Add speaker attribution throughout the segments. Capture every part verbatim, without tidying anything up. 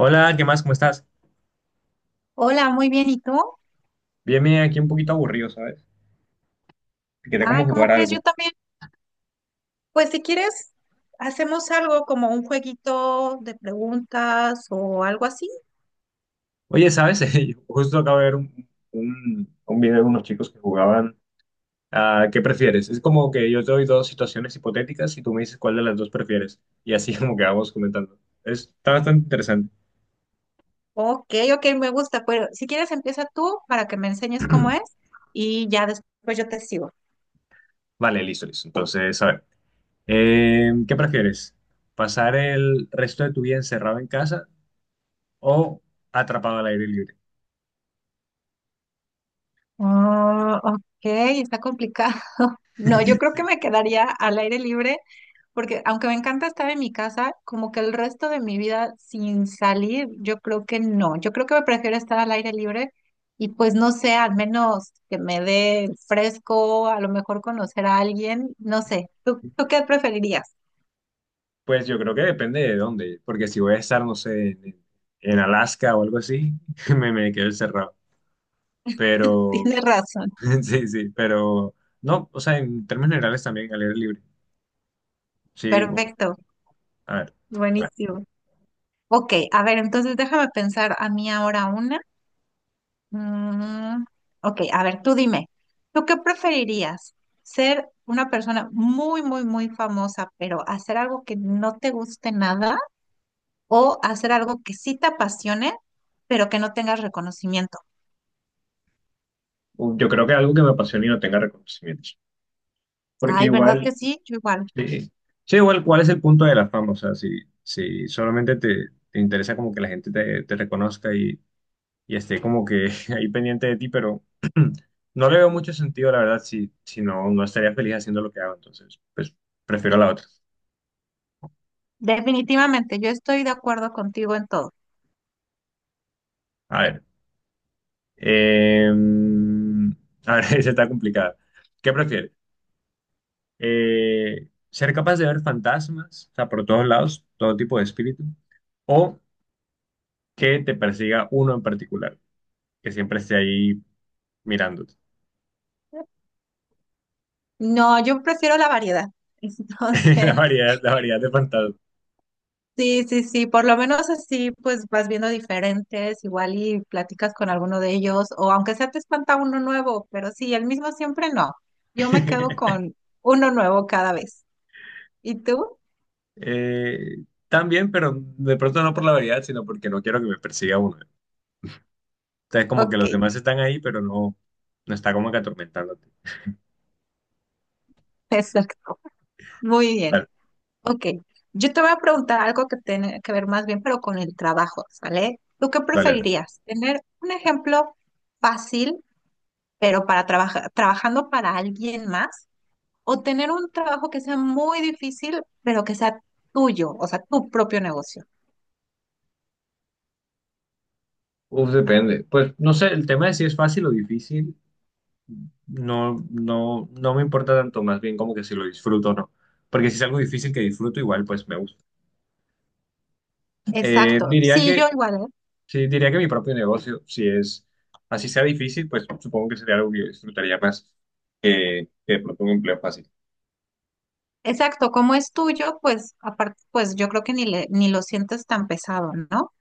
Speaker 1: Hola, ¿qué más? ¿Cómo estás?
Speaker 2: Hola, muy bien. ¿Y tú?
Speaker 1: Bien, bien, aquí un poquito aburrido, ¿sabes? Quería como
Speaker 2: Ay,
Speaker 1: jugar
Speaker 2: ¿cómo crees?
Speaker 1: algo.
Speaker 2: Yo también. Pues si quieres, hacemos algo como un jueguito de preguntas o algo así.
Speaker 1: Oye, ¿sabes? Yo justo acabo de ver un, un- un video de unos chicos que jugaban a ¿qué prefieres? Es como que yo te doy dos situaciones hipotéticas y tú me dices cuál de las dos prefieres. Y así como que vamos comentando. Es- Está bastante interesante.
Speaker 2: Ok, ok, me gusta. Pero si quieres, empieza tú para que me enseñes cómo es y ya después yo te sigo.
Speaker 1: Vale, listo, listo. Entonces, a ver, eh, ¿qué prefieres? ¿Pasar el resto de tu vida encerrado en casa o atrapado al aire libre?
Speaker 2: Oh, ok, está complicado. No, yo creo que me quedaría al aire libre. Porque aunque me encanta estar en mi casa, como que el resto de mi vida sin salir, yo creo que no. Yo creo que me prefiero estar al aire libre y pues no sé, al menos que me dé el fresco, a lo mejor conocer a alguien, no sé. ¿Tú,
Speaker 1: Sí.
Speaker 2: tú qué preferirías?
Speaker 1: Pues yo creo que depende de dónde, porque si voy a estar, no sé, en, en Alaska o algo así, me, me quedo encerrado. Pero,
Speaker 2: Tienes razón.
Speaker 1: sí, sí, pero no, o sea, en términos generales también al aire libre. Sí, bu-
Speaker 2: Perfecto,
Speaker 1: a ver, bueno,
Speaker 2: buenísimo. Ok, a ver, entonces déjame pensar a mí ahora una. Mm, ok, a ver, tú dime, ¿tú qué preferirías? ¿Ser una persona muy, muy, muy famosa, pero hacer algo que no te guste nada o hacer algo que sí te apasione, pero que no tengas reconocimiento?
Speaker 1: u- yo creo que algo que me apasione y no tenga reconocimientos, porque
Speaker 2: Ay, ¿verdad
Speaker 1: igual,
Speaker 2: que sí? Yo igual.
Speaker 1: sí, sí, igual, ¿cuál es el punto de la fama? O sea, si, si solamente te, te interesa como que la gente te, te reconozca y esté como que ahí pendiente de ti, pero no le veo mucho sentido, la verdad, si, si no, no estaría feliz haciendo lo que hago, entonces, pues prefiero la otra.
Speaker 2: Definitivamente, yo estoy de acuerdo contigo en todo.
Speaker 1: A ver, eh, a ver, esa está complicada. ¿Qué prefieres? Eh, ¿ser capaz de ver fantasmas, o sea, por todos lados, todo tipo de espíritu, o que te persiga uno en particular, que siempre esté ahí mirándote?
Speaker 2: No, yo prefiero la variedad.
Speaker 1: La
Speaker 2: Entonces,
Speaker 1: variedad, la variedad de fantasmas.
Speaker 2: sí, sí, sí, por lo menos así pues vas viendo diferentes, igual y platicas con alguno de ellos, o aunque sea te espanta uno nuevo, pero sí, el mismo siempre no. Yo me quedo con uno nuevo cada vez. ¿Y tú?
Speaker 1: Eh, también, pero de pronto no por la variedad, sino porque no quiero que me persiga uno. Entonces, como que
Speaker 2: Ok,
Speaker 1: los demás están ahí, pero no, no está como que atormentándote.
Speaker 2: exacto. Muy bien.
Speaker 1: Dale,
Speaker 2: Ok, yo te voy a preguntar algo que tiene que ver más bien, pero con el trabajo, ¿sale? ¿Tú qué
Speaker 1: dale, dale.
Speaker 2: preferirías? ¿Tener un ejemplo fácil, pero para trabajar, trabajando para alguien más? ¿O tener un trabajo que sea muy difícil, pero que sea tuyo, o sea, tu propio negocio?
Speaker 1: Uf, depende. Pues no sé, el tema de si es fácil o difícil, no, no, no me importa tanto, más bien como que si lo disfruto o no. Porque si es algo difícil que disfruto, igual pues me gusta. Eh,
Speaker 2: Exacto.
Speaker 1: diría
Speaker 2: Sí, yo
Speaker 1: que,
Speaker 2: igual, ¿eh?
Speaker 1: sí, diría que mi propio negocio, si es así sea difícil, pues supongo que sería algo que yo disfrutaría más que, que de pronto un empleo fácil.
Speaker 2: Exacto, como es tuyo, pues aparte, pues yo creo que ni le, ni lo sientes tan pesado, ¿no?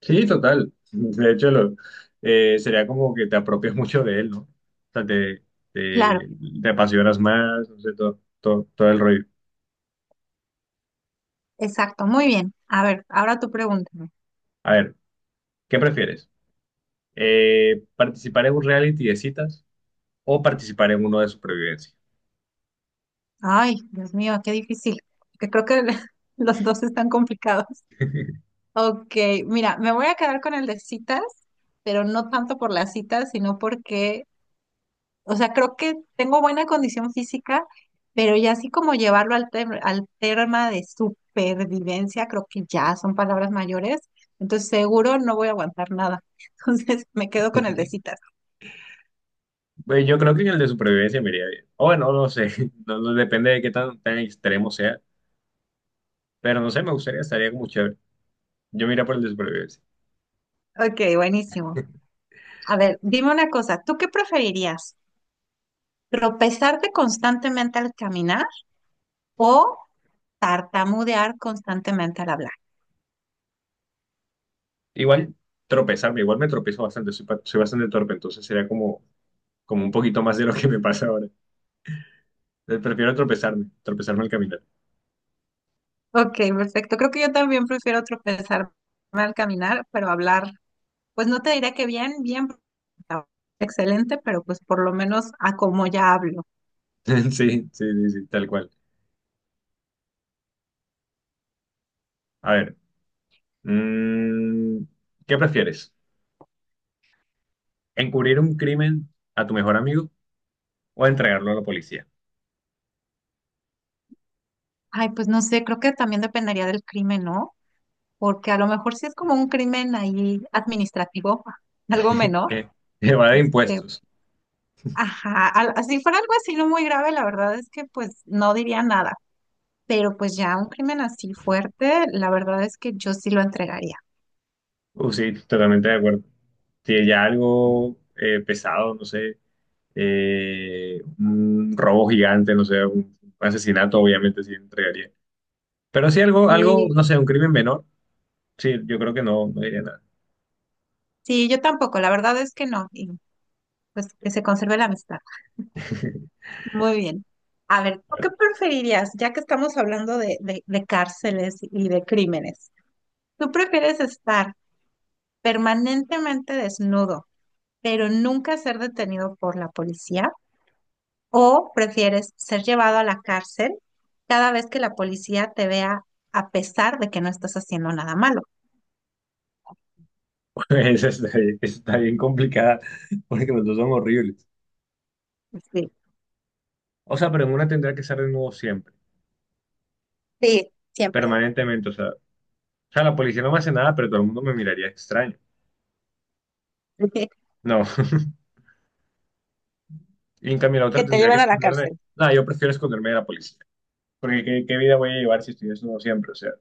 Speaker 1: Sí, total. De hecho, lo- eh, sería como que te apropias mucho de él, ¿no? O sea, te,
Speaker 2: Claro,
Speaker 1: te, te apasionas más, no sé, todo, todo, todo el rollo.
Speaker 2: exacto, muy bien. A ver, ahora tú pregúntame.
Speaker 1: A ver, ¿qué prefieres? Eh, ¿participar en un reality de citas o participar en uno de supervivencia?
Speaker 2: Ay, Dios mío, qué difícil, que creo que los dos están complicados. Ok, mira, me voy a quedar con el de citas, pero no tanto por las citas, sino porque, o sea, creo que tengo buena condición física, pero ya así como llevarlo al, tem- al tema de supervivencia, creo que ya son palabras mayores. Entonces, seguro no voy a aguantar nada. Entonces, me quedo con el de citas.
Speaker 1: Pues yo creo que en el de supervivencia me iría bien. O bueno, no sé, no, no depende de qué tan, tan extremo sea, pero no sé, me gustaría, estaría como chévere. Yo me iría por el de supervivencia.
Speaker 2: Ok, buenísimo. A ver, dime una cosa, ¿tú qué preferirías? ¿Tropezarte constantemente al caminar o tartamudear constantemente al hablar?
Speaker 1: Igual tropezarme, igual me tropezo bastante, soy, pa- soy bastante torpe, entonces sería como como un poquito más de lo que me pasa ahora. Eh, Prefiero tropezarme, tropezarme al caminar.
Speaker 2: Ok, perfecto. Creo que yo también prefiero tropezarme al caminar, pero hablar, pues no te diré que bien, bien, excelente, pero pues por lo menos a cómo ya hablo.
Speaker 1: Sí, sí, sí, sí, tal cual. A ver, mm, ¿qué prefieres? ¿Encubrir un crimen a tu mejor amigo o entregarlo a la policía?
Speaker 2: Ay, pues no sé, creo que también dependería del crimen, ¿no? Porque a lo mejor si es como un crimen ahí administrativo, algo menor,
Speaker 1: Eh, evade
Speaker 2: este,
Speaker 1: impuestos.
Speaker 2: ajá, al- si fuera algo así no muy grave, la verdad es que pues no diría nada, pero pues ya un crimen así fuerte, la verdad es que yo sí lo entregaría.
Speaker 1: Uh, sí, totalmente de acuerdo. Si ya algo eh, pesado, no sé, eh, un robo gigante, no sé, un asesinato, obviamente sí entregaría. Pero si algo, algo,
Speaker 2: Sí,
Speaker 1: no sé, un crimen menor, sí, yo creo que no, no diría nada.
Speaker 2: sí, yo tampoco, la verdad es que no, y pues que se conserve la amistad. Muy bien. A ver, ¿tú qué preferirías, ya que estamos hablando de, de, de cárceles y de crímenes? ¿Tú prefieres estar permanentemente desnudo, pero nunca ser detenido por la policía? ¿O prefieres ser llevado a la cárcel cada vez que la policía te vea a pesar de que no estás haciendo nada malo?
Speaker 1: Esa está bien, esa está bien complicada, porque los dos son horribles.
Speaker 2: Sí.
Speaker 1: O sea, pero en una tendría que estar de nuevo siempre,
Speaker 2: Sí, siempre.
Speaker 1: permanentemente. O sea, o sea, la policía no me hace nada, pero todo el mundo me miraría extraño.
Speaker 2: Que
Speaker 1: No. Y en cambio la otra
Speaker 2: te
Speaker 1: tendría que
Speaker 2: lleven a la
Speaker 1: esconderme.
Speaker 2: cárcel.
Speaker 1: Nada, yo prefiero esconderme de la policía. Porque ¿qué, qué vida voy a llevar si estoy desnudo siempre? O sea,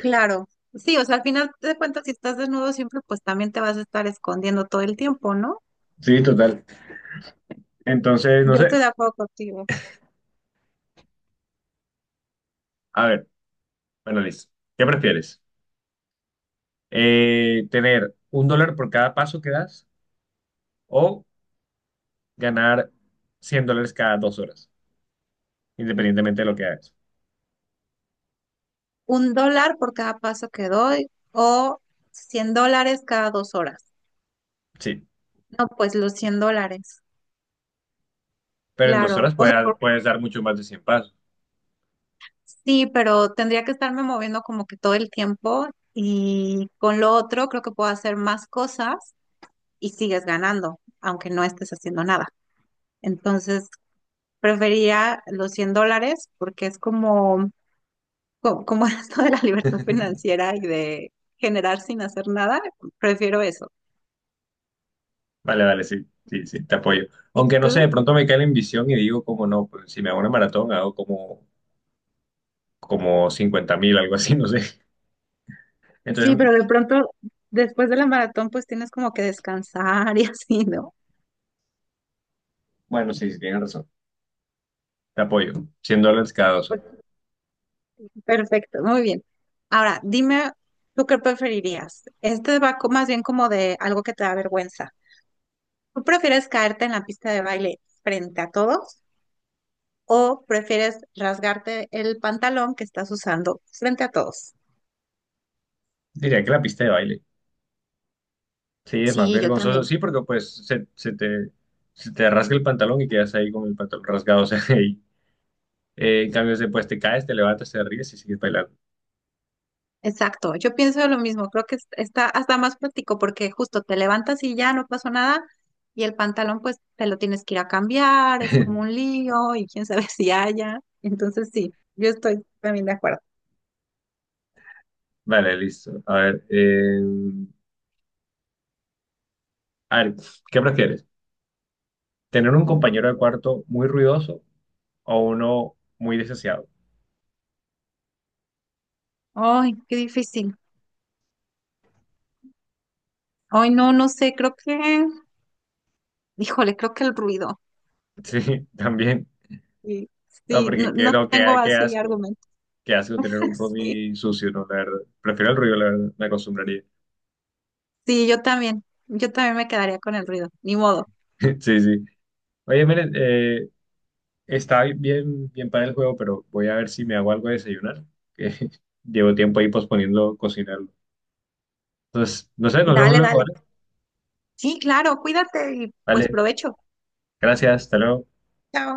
Speaker 2: Claro, sí, o sea, al final de cuentas, si estás desnudo siempre, pues también te vas a estar escondiendo todo el tiempo, ¿no?
Speaker 1: sí, total. Entonces,
Speaker 2: Yo
Speaker 1: no sé.
Speaker 2: estoy de acuerdo contigo.
Speaker 1: A ver, bueno, listo. ¿Qué prefieres? Eh, ¿tener un dólar por cada paso que das o ganar cien dólares cada dos horas, independientemente de lo que hagas?
Speaker 2: ¿Un dólar por cada paso que doy o cien dólares cada dos horas?
Speaker 1: Sí.
Speaker 2: No, pues los cien dólares,
Speaker 1: Pero en dos
Speaker 2: claro.
Speaker 1: horas
Speaker 2: O sea,
Speaker 1: puedes,
Speaker 2: porque
Speaker 1: puedes dar mucho más de cien pasos.
Speaker 2: sí, pero tendría que estarme moviendo como que todo el tiempo y con lo otro creo que puedo hacer más cosas y sigues ganando, aunque no estés haciendo nada. Entonces, prefería los cien dólares porque es como, co- como esto de la libertad financiera y de generar sin hacer nada, prefiero eso.
Speaker 1: Vale, vale, sí, sí, sí, te apoyo.
Speaker 2: ¿Y
Speaker 1: Aunque no sé, de
Speaker 2: tú?
Speaker 1: pronto me cae la ambición y digo, como no, pues, si me hago una maratón, hago como, como cincuenta mil, algo así, no sé.
Speaker 2: Sí,
Speaker 1: Entonces,
Speaker 2: pero de pronto después de la maratón pues tienes como que descansar y así, ¿no?
Speaker 1: bueno, sí, sí, tienes razón. Te apoyo. cien dólares cada dos
Speaker 2: Pues,
Speaker 1: horas.
Speaker 2: perfecto, muy bien. Ahora, dime, ¿tú qué preferirías? Este va co- más bien como de algo que te da vergüenza. ¿Tú prefieres caerte en la pista de baile frente a todos o prefieres rasgarte el pantalón que estás usando frente a todos?
Speaker 1: Diría que la pista de baile. Sí, es más
Speaker 2: Sí, yo
Speaker 1: vergonzoso,
Speaker 2: también.
Speaker 1: sí, porque pues se, se te, se te rasga el pantalón y quedas ahí con el pantalón rasgado. O sea, ahí. Eh, en cambio, después te caes, te levantas, te ríes y sigues bailando.
Speaker 2: Exacto, yo pienso lo mismo, creo que es- está hasta más práctico porque justo te levantas y ya no pasó nada y el pantalón pues te lo tienes que ir a cambiar, es como un lío y quién sabe si haya. Entonces sí, yo estoy también de acuerdo.
Speaker 1: Vale, listo. A ver, eh, a ver, ¿qué prefieres? ¿Tener un compañero de cuarto muy ruidoso o uno muy desaseado?
Speaker 2: Ay, qué difícil. Ay, no, no sé, creo que, híjole, creo que el ruido.
Speaker 1: Sí, también.
Speaker 2: Sí,
Speaker 1: No,
Speaker 2: sí,
Speaker 1: porque
Speaker 2: no,
Speaker 1: que,
Speaker 2: no
Speaker 1: no, qué,
Speaker 2: tengo
Speaker 1: qué
Speaker 2: así
Speaker 1: asco.
Speaker 2: argumentos.
Speaker 1: Qué asco tener un
Speaker 2: Sí,
Speaker 1: roomie sucio, ¿no? La verdad. Prefiero el ruido, la verdad. Me acostumbraría.
Speaker 2: sí, yo también, yo también me quedaría con el ruido, ni modo.
Speaker 1: Sí, sí. Oye, miren, eh, está bien, bien para el juego, pero voy a ver si me hago algo de desayunar. Que llevo tiempo ahí posponiendo cocinarlo. Entonces, no sé, nos vemos
Speaker 2: Dale,
Speaker 1: luego,
Speaker 2: dale.
Speaker 1: ¿vale?
Speaker 2: Sí, claro, cuídate y pues
Speaker 1: Vale,
Speaker 2: provecho.
Speaker 1: gracias, hasta luego.
Speaker 2: Chao.